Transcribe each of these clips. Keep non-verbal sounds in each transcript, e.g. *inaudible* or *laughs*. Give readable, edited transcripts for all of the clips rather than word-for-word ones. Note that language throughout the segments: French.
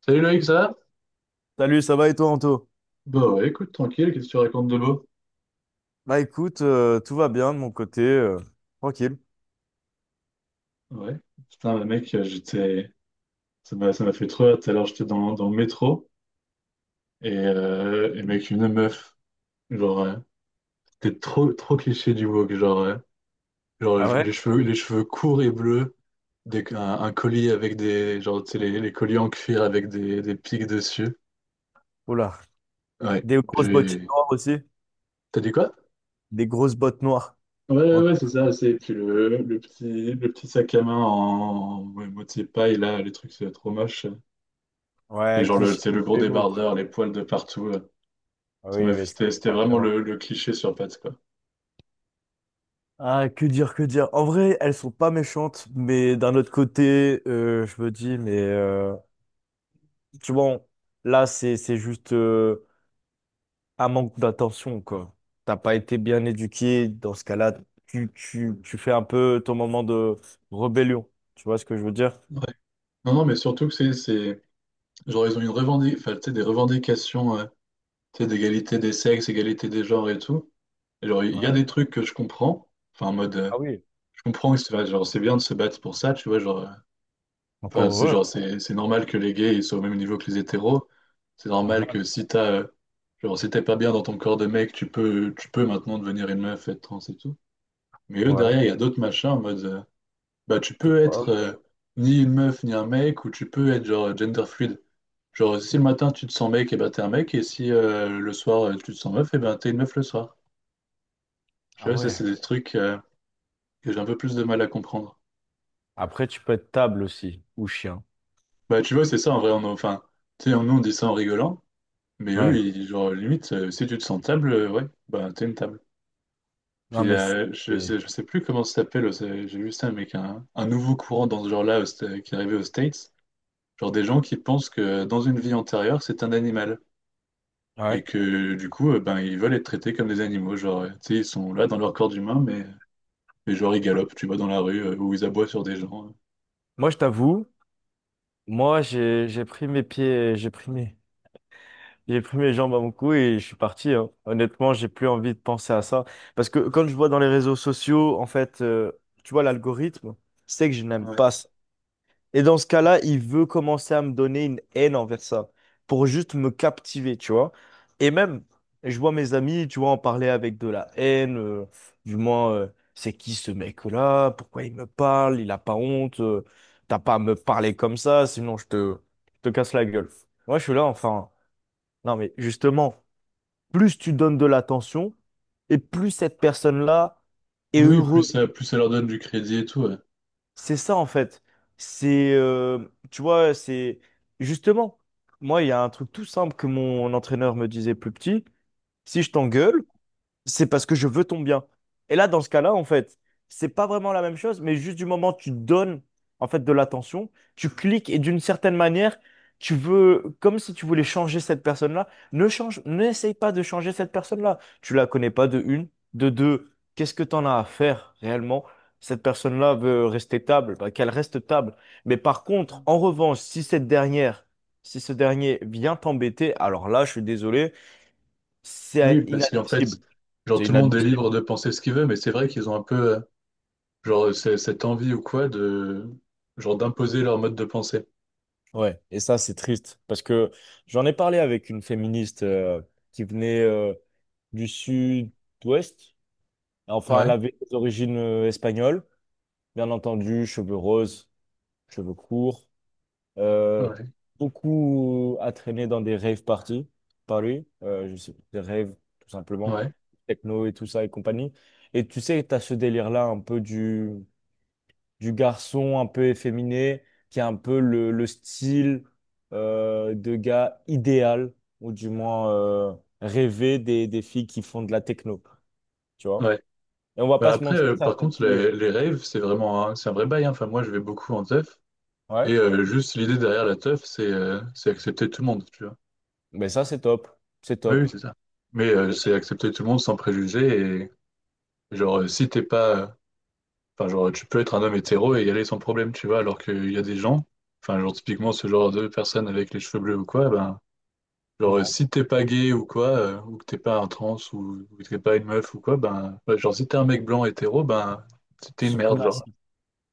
Salut Loïc, ça va? Salut, ça va et toi, Anto? Bah ouais, écoute, tranquille, qu'est-ce que tu racontes de beau? Bah écoute, tout va bien de mon côté, tranquille. Ouais. Putain, bah mec, j'étais. Ça m'a fait trop rire. Tout à l'heure, j'étais dans le métro et mec, une meuf. Genre, c'était trop cliché du woke. Genre, genre Ah ouais? Les cheveux courts et bleus, des, un collier avec des. Genre, tu sais, les colliers en cuir avec des pics dessus. Oula, Ouais. des grosses bottes J'ai. noires aussi, T'as dit quoi? des grosses bottes noires. Ouais, ouais, En- ouais, c'est ça, c'est puis le petit sac à main en ouais, moitié paille, là, les trucs, c'est trop moche. Et Ouais, genre, cliché c'est de le gros Pémo, quoi. débardeur, les poils de partout. Ah oui, mais ça, C'était c'était vraiment le, forcément. le cliché sur Pâtes, quoi. Ah, que dire, que dire. En vrai, elles sont pas méchantes, mais d'un autre côté, je me dis, mais tu vois, là, c'est juste, un manque d'attention, quoi. T'as pas été bien éduqué, dans ce cas-là, tu fais un peu ton moment de rébellion. Tu vois ce que je veux dire? Non, non, mais surtout que genre, ils ont une enfin, tu sais, des revendications, tu sais, d'égalité des sexes, égalité des genres et tout. Et genre, il y a Ouais. des trucs que je comprends, enfin, en mode, Ah oui. je comprends, enfin, genre, c'est bien de se battre pour ça, tu vois, genre, Enfin, Encore c'est genre, heureux, c'est normal que les gays ils soient au même niveau que les hétéros. C'est normal normal. que si t'as, genre, si t'es pas bien dans ton corps de mec, tu peux maintenant devenir une meuf, être trans et tout. Mais eux, Ouais. derrière, il y a d'autres machins en mode, bah, tu peux Pas être homme. Ni une meuf ni un mec, ou tu peux être genre gender fluid. Genre, si le matin tu te sens mec, et ben t'es un mec, et si le soir tu te sens meuf, et ben t'es une meuf le soir. Ah Je sais, ça, c'est ouais. des trucs que j'ai un peu plus de mal à comprendre. Après, tu peux être table aussi, ou chien. Bah, tu vois, c'est ça en vrai, on, enfin, tu sais, nous on dit ça en rigolant. Mais eux, Ouais. ils, genre, limite, si tu te sens table, ouais, bah t'es une table. Non, Puis mais c'est... je sais plus comment ça s'appelle, j'ai vu ça, mec, un nouveau courant dans ce genre-là au qui est arrivé aux States. Genre des gens qui pensent que dans une vie antérieure, c'est un animal. Et Ouais. que du coup, ben, ils veulent être traités comme des animaux. Genre, tu sais, ils sont là dans leur corps d'humain, mais genre ils galopent, tu vois, dans la rue, ou ils aboient sur des gens. Moi, je t'avoue, moi, j'ai pris mes pieds, j'ai pris mes... J'ai pris mes jambes à mon cou et je suis parti, hein. Honnêtement, j'ai plus envie de penser à ça. Parce que quand je vois dans les réseaux sociaux, en fait, tu vois, l'algorithme, c'est que je n'aime Ouais. pas ça. Et dans ce cas-là, il veut commencer à me donner une haine envers ça pour juste me captiver, tu vois. Et même, je vois mes amis, tu vois, en parler avec de la haine, du moins, c'est qui ce mec-là? Pourquoi il me parle? Il a pas honte? T'as pas à me parler comme ça, sinon je te casse la gueule. Moi, je suis là, enfin. Non, mais justement plus tu donnes de l'attention et plus cette personne-là est Oui, oui, heureux. Plus ça leur donne du crédit et tout, ouais. C'est ça en fait. C'est, euh, Tu vois, c'est justement, moi, il y a un truc tout simple que mon entraîneur me disait plus petit. Si je t'engueule, c'est parce que je veux ton bien. Et là, dans ce cas-là, en fait, c'est pas vraiment la même chose, mais juste du moment où tu donnes, en fait, de l'attention, tu cliques et d'une certaine manière, tu veux, comme si tu voulais changer cette personne-là, ne change, n'essaye pas de changer cette personne-là. Tu la connais pas de une, de deux. Qu'est-ce que t'en as à faire réellement? Cette personne-là veut rester table, bah, qu'elle reste table. Mais par contre, en revanche, si cette dernière, si ce dernier vient t'embêter, alors là, je suis désolé, Oui, c'est parce qu'en fait, inadmissible. genre C'est tout le monde est inadmissible. libre de penser ce qu'il veut, mais c'est vrai qu'ils ont un peu genre cette envie ou quoi de genre d'imposer leur mode de pensée. Ouais, et ça, c'est triste parce que j'en ai parlé avec une féministe qui venait du sud-ouest. Enfin, elle Ouais, avait des origines espagnoles, bien entendu, cheveux roses, cheveux courts, euh, ouais, beaucoup à traîner dans des rave parties, par lui, je sais, des raves, tout simplement, ouais, techno et tout ça et compagnie. Et tu sais, tu as ce délire-là un peu du garçon un peu efféminé, qui a un peu le style de gars idéal, ou du moins rêvé des filles qui font de la techno, tu vois. ouais. Et on va Bah pas se après, mentir, par certaines contre, filles. Les raves, c'est vraiment un, c'est un vrai bail, hein. Enfin, moi, je vais beaucoup en teuf. Ouais. Et juste l'idée derrière la teuf, c'est accepter tout le monde, tu vois. Mais ça, c'est top. C'est Oui, oui, top. c'est ça. Mais Et, c'est et- accepter tout le monde sans préjugés. Et genre, si t'es pas Enfin, genre, tu peux être un homme hétéro et y aller sans problème, tu vois, alors qu'il y a des gens, enfin, genre, typiquement, ce genre de personnes avec les cheveux bleus ou quoi, ben, genre, non, si t'es pas gay ou quoi, ou que t'es pas un trans ou que t'es pas une meuf ou quoi, ben, ouais, genre, si t'es un mec blanc hétéro, ben, t'es une merde, genre. suprémaciste.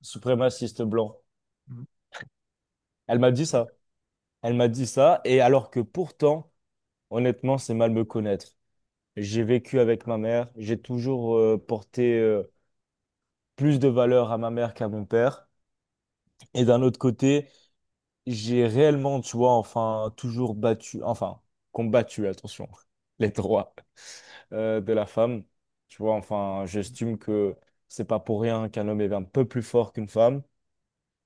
Suprémaciste blanc. Elle m'a dit ça. Elle m'a dit ça, et alors que pourtant, honnêtement, c'est mal me connaître. J'ai vécu avec ma mère, j'ai toujours porté plus de valeur à ma mère qu'à mon père. Et d'un autre côté, j'ai réellement, tu vois, enfin, toujours battu, enfin, combattu, attention, *laughs* les droits de la femme. Tu vois, enfin, j'estime que c'est pas pour rien qu'un homme est un peu plus fort qu'une femme.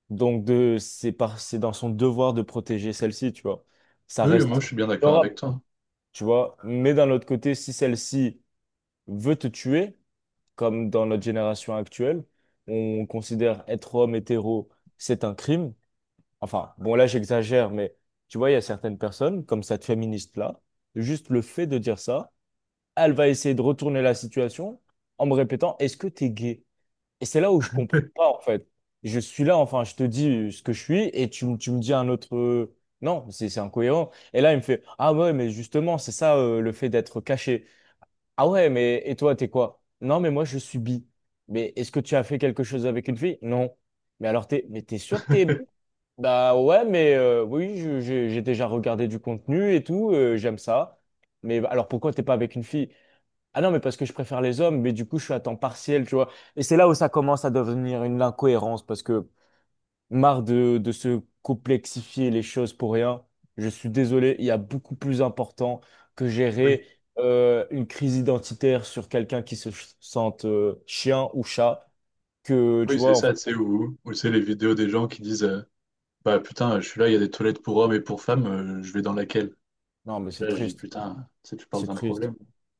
Donc, c'est par, c'est dans son devoir de protéger celle-ci, tu vois. Ça Oui, moi, reste je suis bien d'accord avec honorable, toi. tu vois. Mais d'un autre côté, si celle-ci veut te tuer, comme dans notre génération actuelle, on considère être homme hétéro, c'est un crime. Enfin, bon, là, j'exagère, mais tu vois, il y a certaines personnes, comme cette féministe-là, juste le fait de dire ça, elle va essayer de retourner la situation en me répétant, est-ce que t'es gay? Et c'est là où je comprends pas, en fait. Je suis là, enfin, je te dis ce que je suis, et tu me dis un autre... Non, c'est incohérent. Et là, il me fait, ah ouais, mais justement, c'est ça, le fait d'être caché. Ah ouais, mais et toi, t'es quoi? Non, mais moi, je suis bi. Mais est-ce que tu as fait quelque chose avec une fille? Non. Mais alors, mais t'es sûr que t'es bi? *laughs* Bah ouais, mais oui, j'ai déjà regardé du contenu et tout, j'aime ça. Mais bah, alors pourquoi t'es pas avec une fille? Ah non, mais parce que je préfère les hommes, mais du coup je suis à temps partiel, tu vois. Et c'est là où ça commence à devenir une incohérence, parce que marre de se complexifier les choses pour rien. Je suis désolé, il y a beaucoup plus important que Oui, gérer une crise identitaire sur quelqu'un qui sente chien ou chat que, oui, tu c'est vois, ça, enfin, tu sais, où, où c'est les vidéos des gens qui disent Bah putain, je suis là, il y a des toilettes pour hommes et pour femmes, je vais dans laquelle? non, mais Je, suis c'est là, je dis triste, putain, tu sais, tu parles c'est d'un triste. problème.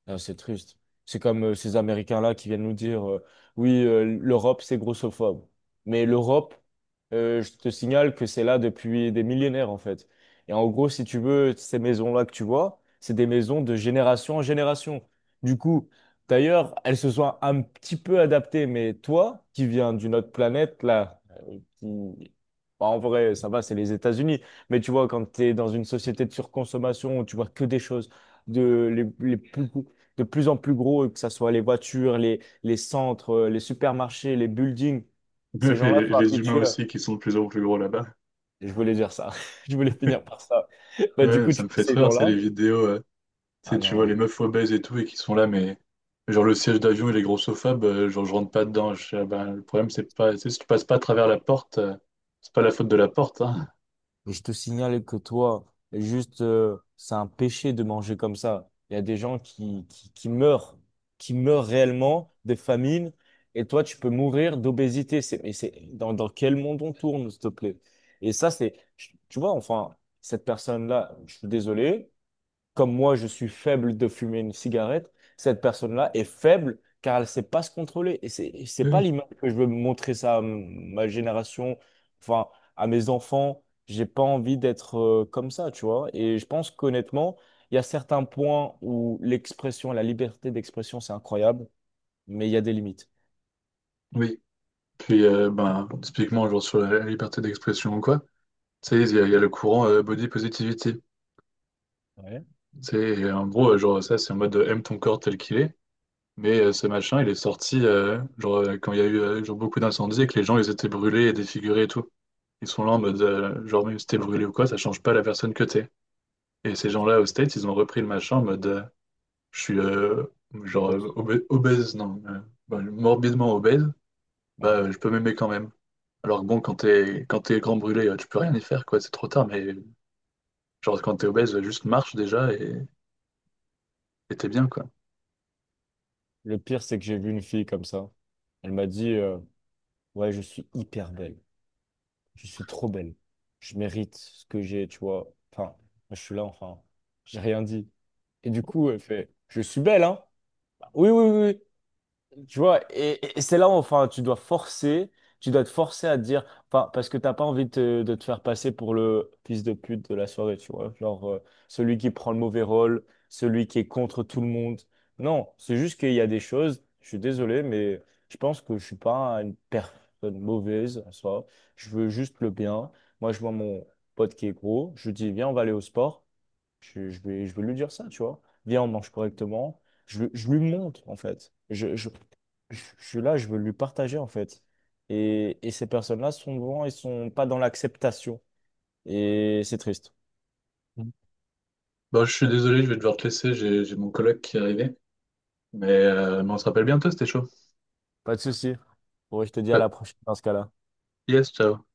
Ah, c'est triste. C'est comme ces Américains-là qui viennent nous dire oui, l'Europe, c'est grossophobe. Mais l'Europe, je te signale que c'est là depuis des millénaires, en fait. Et en gros, si tu veux, ces maisons-là que tu vois, c'est des maisons de génération en génération. Du coup, d'ailleurs, elles se sont un petit peu adaptées. Mais toi, qui viens d'une autre planète, là, qui... bah, en vrai, ça va, c'est les États-Unis. Mais tu vois, quand tu es dans une société de surconsommation où tu vois que des choses les plus de plus en plus gros, que ce soit les voitures, les centres, les supermarchés, les buildings. Ces Bref. *laughs* Et gens-là les, sont les humains habitués. aussi qui sont de plus en plus gros là-bas. Je voulais dire ça. *laughs* Je voulais finir par ça. Bah, du Ouais, coup, ça tu me vois fait ces trop rire, c'est les gens-là. vidéos. Tu sais, Ah tu vois les non. meufs obèses et tout, et qui sont là, mais genre le siège d'avion, il est grossophobe, genre je rentre pas dedans. Je, fais, ah ben, le problème, c'est pas, tu sais, si tu passes pas à travers la porte, c'est pas la faute de la porte, hein. Je te signale que toi, juste, c'est un péché de manger comme ça. Il y a des gens qui meurent réellement de famine. Et toi, tu peux mourir d'obésité. C'est, dans quel monde on tourne, s'il te plaît? Et ça, c'est, Tu vois, enfin, cette personne-là, je suis désolé. Comme moi, je suis faible de fumer une cigarette, cette personne-là est faible car elle ne sait pas se contrôler. Et c'est Oui, pas oui. l'image que je veux montrer ça à ma génération, enfin, à mes enfants. J'ai pas envie d'être comme ça, tu vois. Et je pense qu'honnêtement, il y a certains points où la liberté d'expression, c'est incroyable, mais il y a des limites. Oui. Puis, ben, bon, typiquement, genre sur la liberté d'expression ou quoi, tu sais, il y a le courant body positivity. Ouais. Tu sais, et en gros, genre ça, c'est en mode aime ton corps tel qu'il est. Mais ce machin, il est sorti genre, quand il y a eu genre, beaucoup d'incendies et que les gens ils étaient brûlés et défigurés et tout. Ils sont là en mode, genre même si t'es brûlé ou quoi, ça change pas la personne que t'es. Et ces Et qui gens-là au States, ils ont repris le machin en mode, je suis genre posent. Obèse, non, bah, morbidement obèse, bah Ouais. Je peux m'aimer quand même. Alors que bon, quand t'es grand brûlé, tu peux rien y faire, quoi, c'est trop tard, mais genre quand t'es obèse, juste marche déjà et t'es bien, quoi. Le pire, c'est que j'ai vu une fille comme ça. Elle m'a dit, ouais, je suis hyper belle. Je suis trop belle. Je mérite ce que j'ai, tu vois. Enfin, moi, je suis là, enfin, j'ai rien dit. Et du coup, elle fait, je suis belle, hein? Bah, oui, oui, oui. Oui. Tu vois, et c'est là où enfin, tu dois forcer, tu dois te forcer à te dire, enfin, parce que t'as pas envie de de te faire passer pour le fils de pute de la soirée, tu vois, genre celui qui prend le mauvais rôle, celui qui est contre tout le monde. Non, c'est juste qu'il y a des choses, je suis désolé, mais je pense que je suis pas une personne mauvaise en soi, je veux juste le bien. Moi, je vois mon pote qui est gros, je lui dis, viens, on va aller au sport. Je vais lui dire ça, tu vois. Viens, on mange correctement. Je lui montre, en fait. Je suis là, je veux lui partager, en fait. Et ces personnes-là, souvent, ils sont pas dans l'acceptation. Et c'est triste. Mm. Bon, je suis désolé, je vais devoir te laisser, j'ai mon coloc qui est arrivé. Mais on se rappelle bientôt, c'était chaud. Pas de souci. Bon, je te dis à Euh, la prochaine dans ce cas-là. yes, ciao.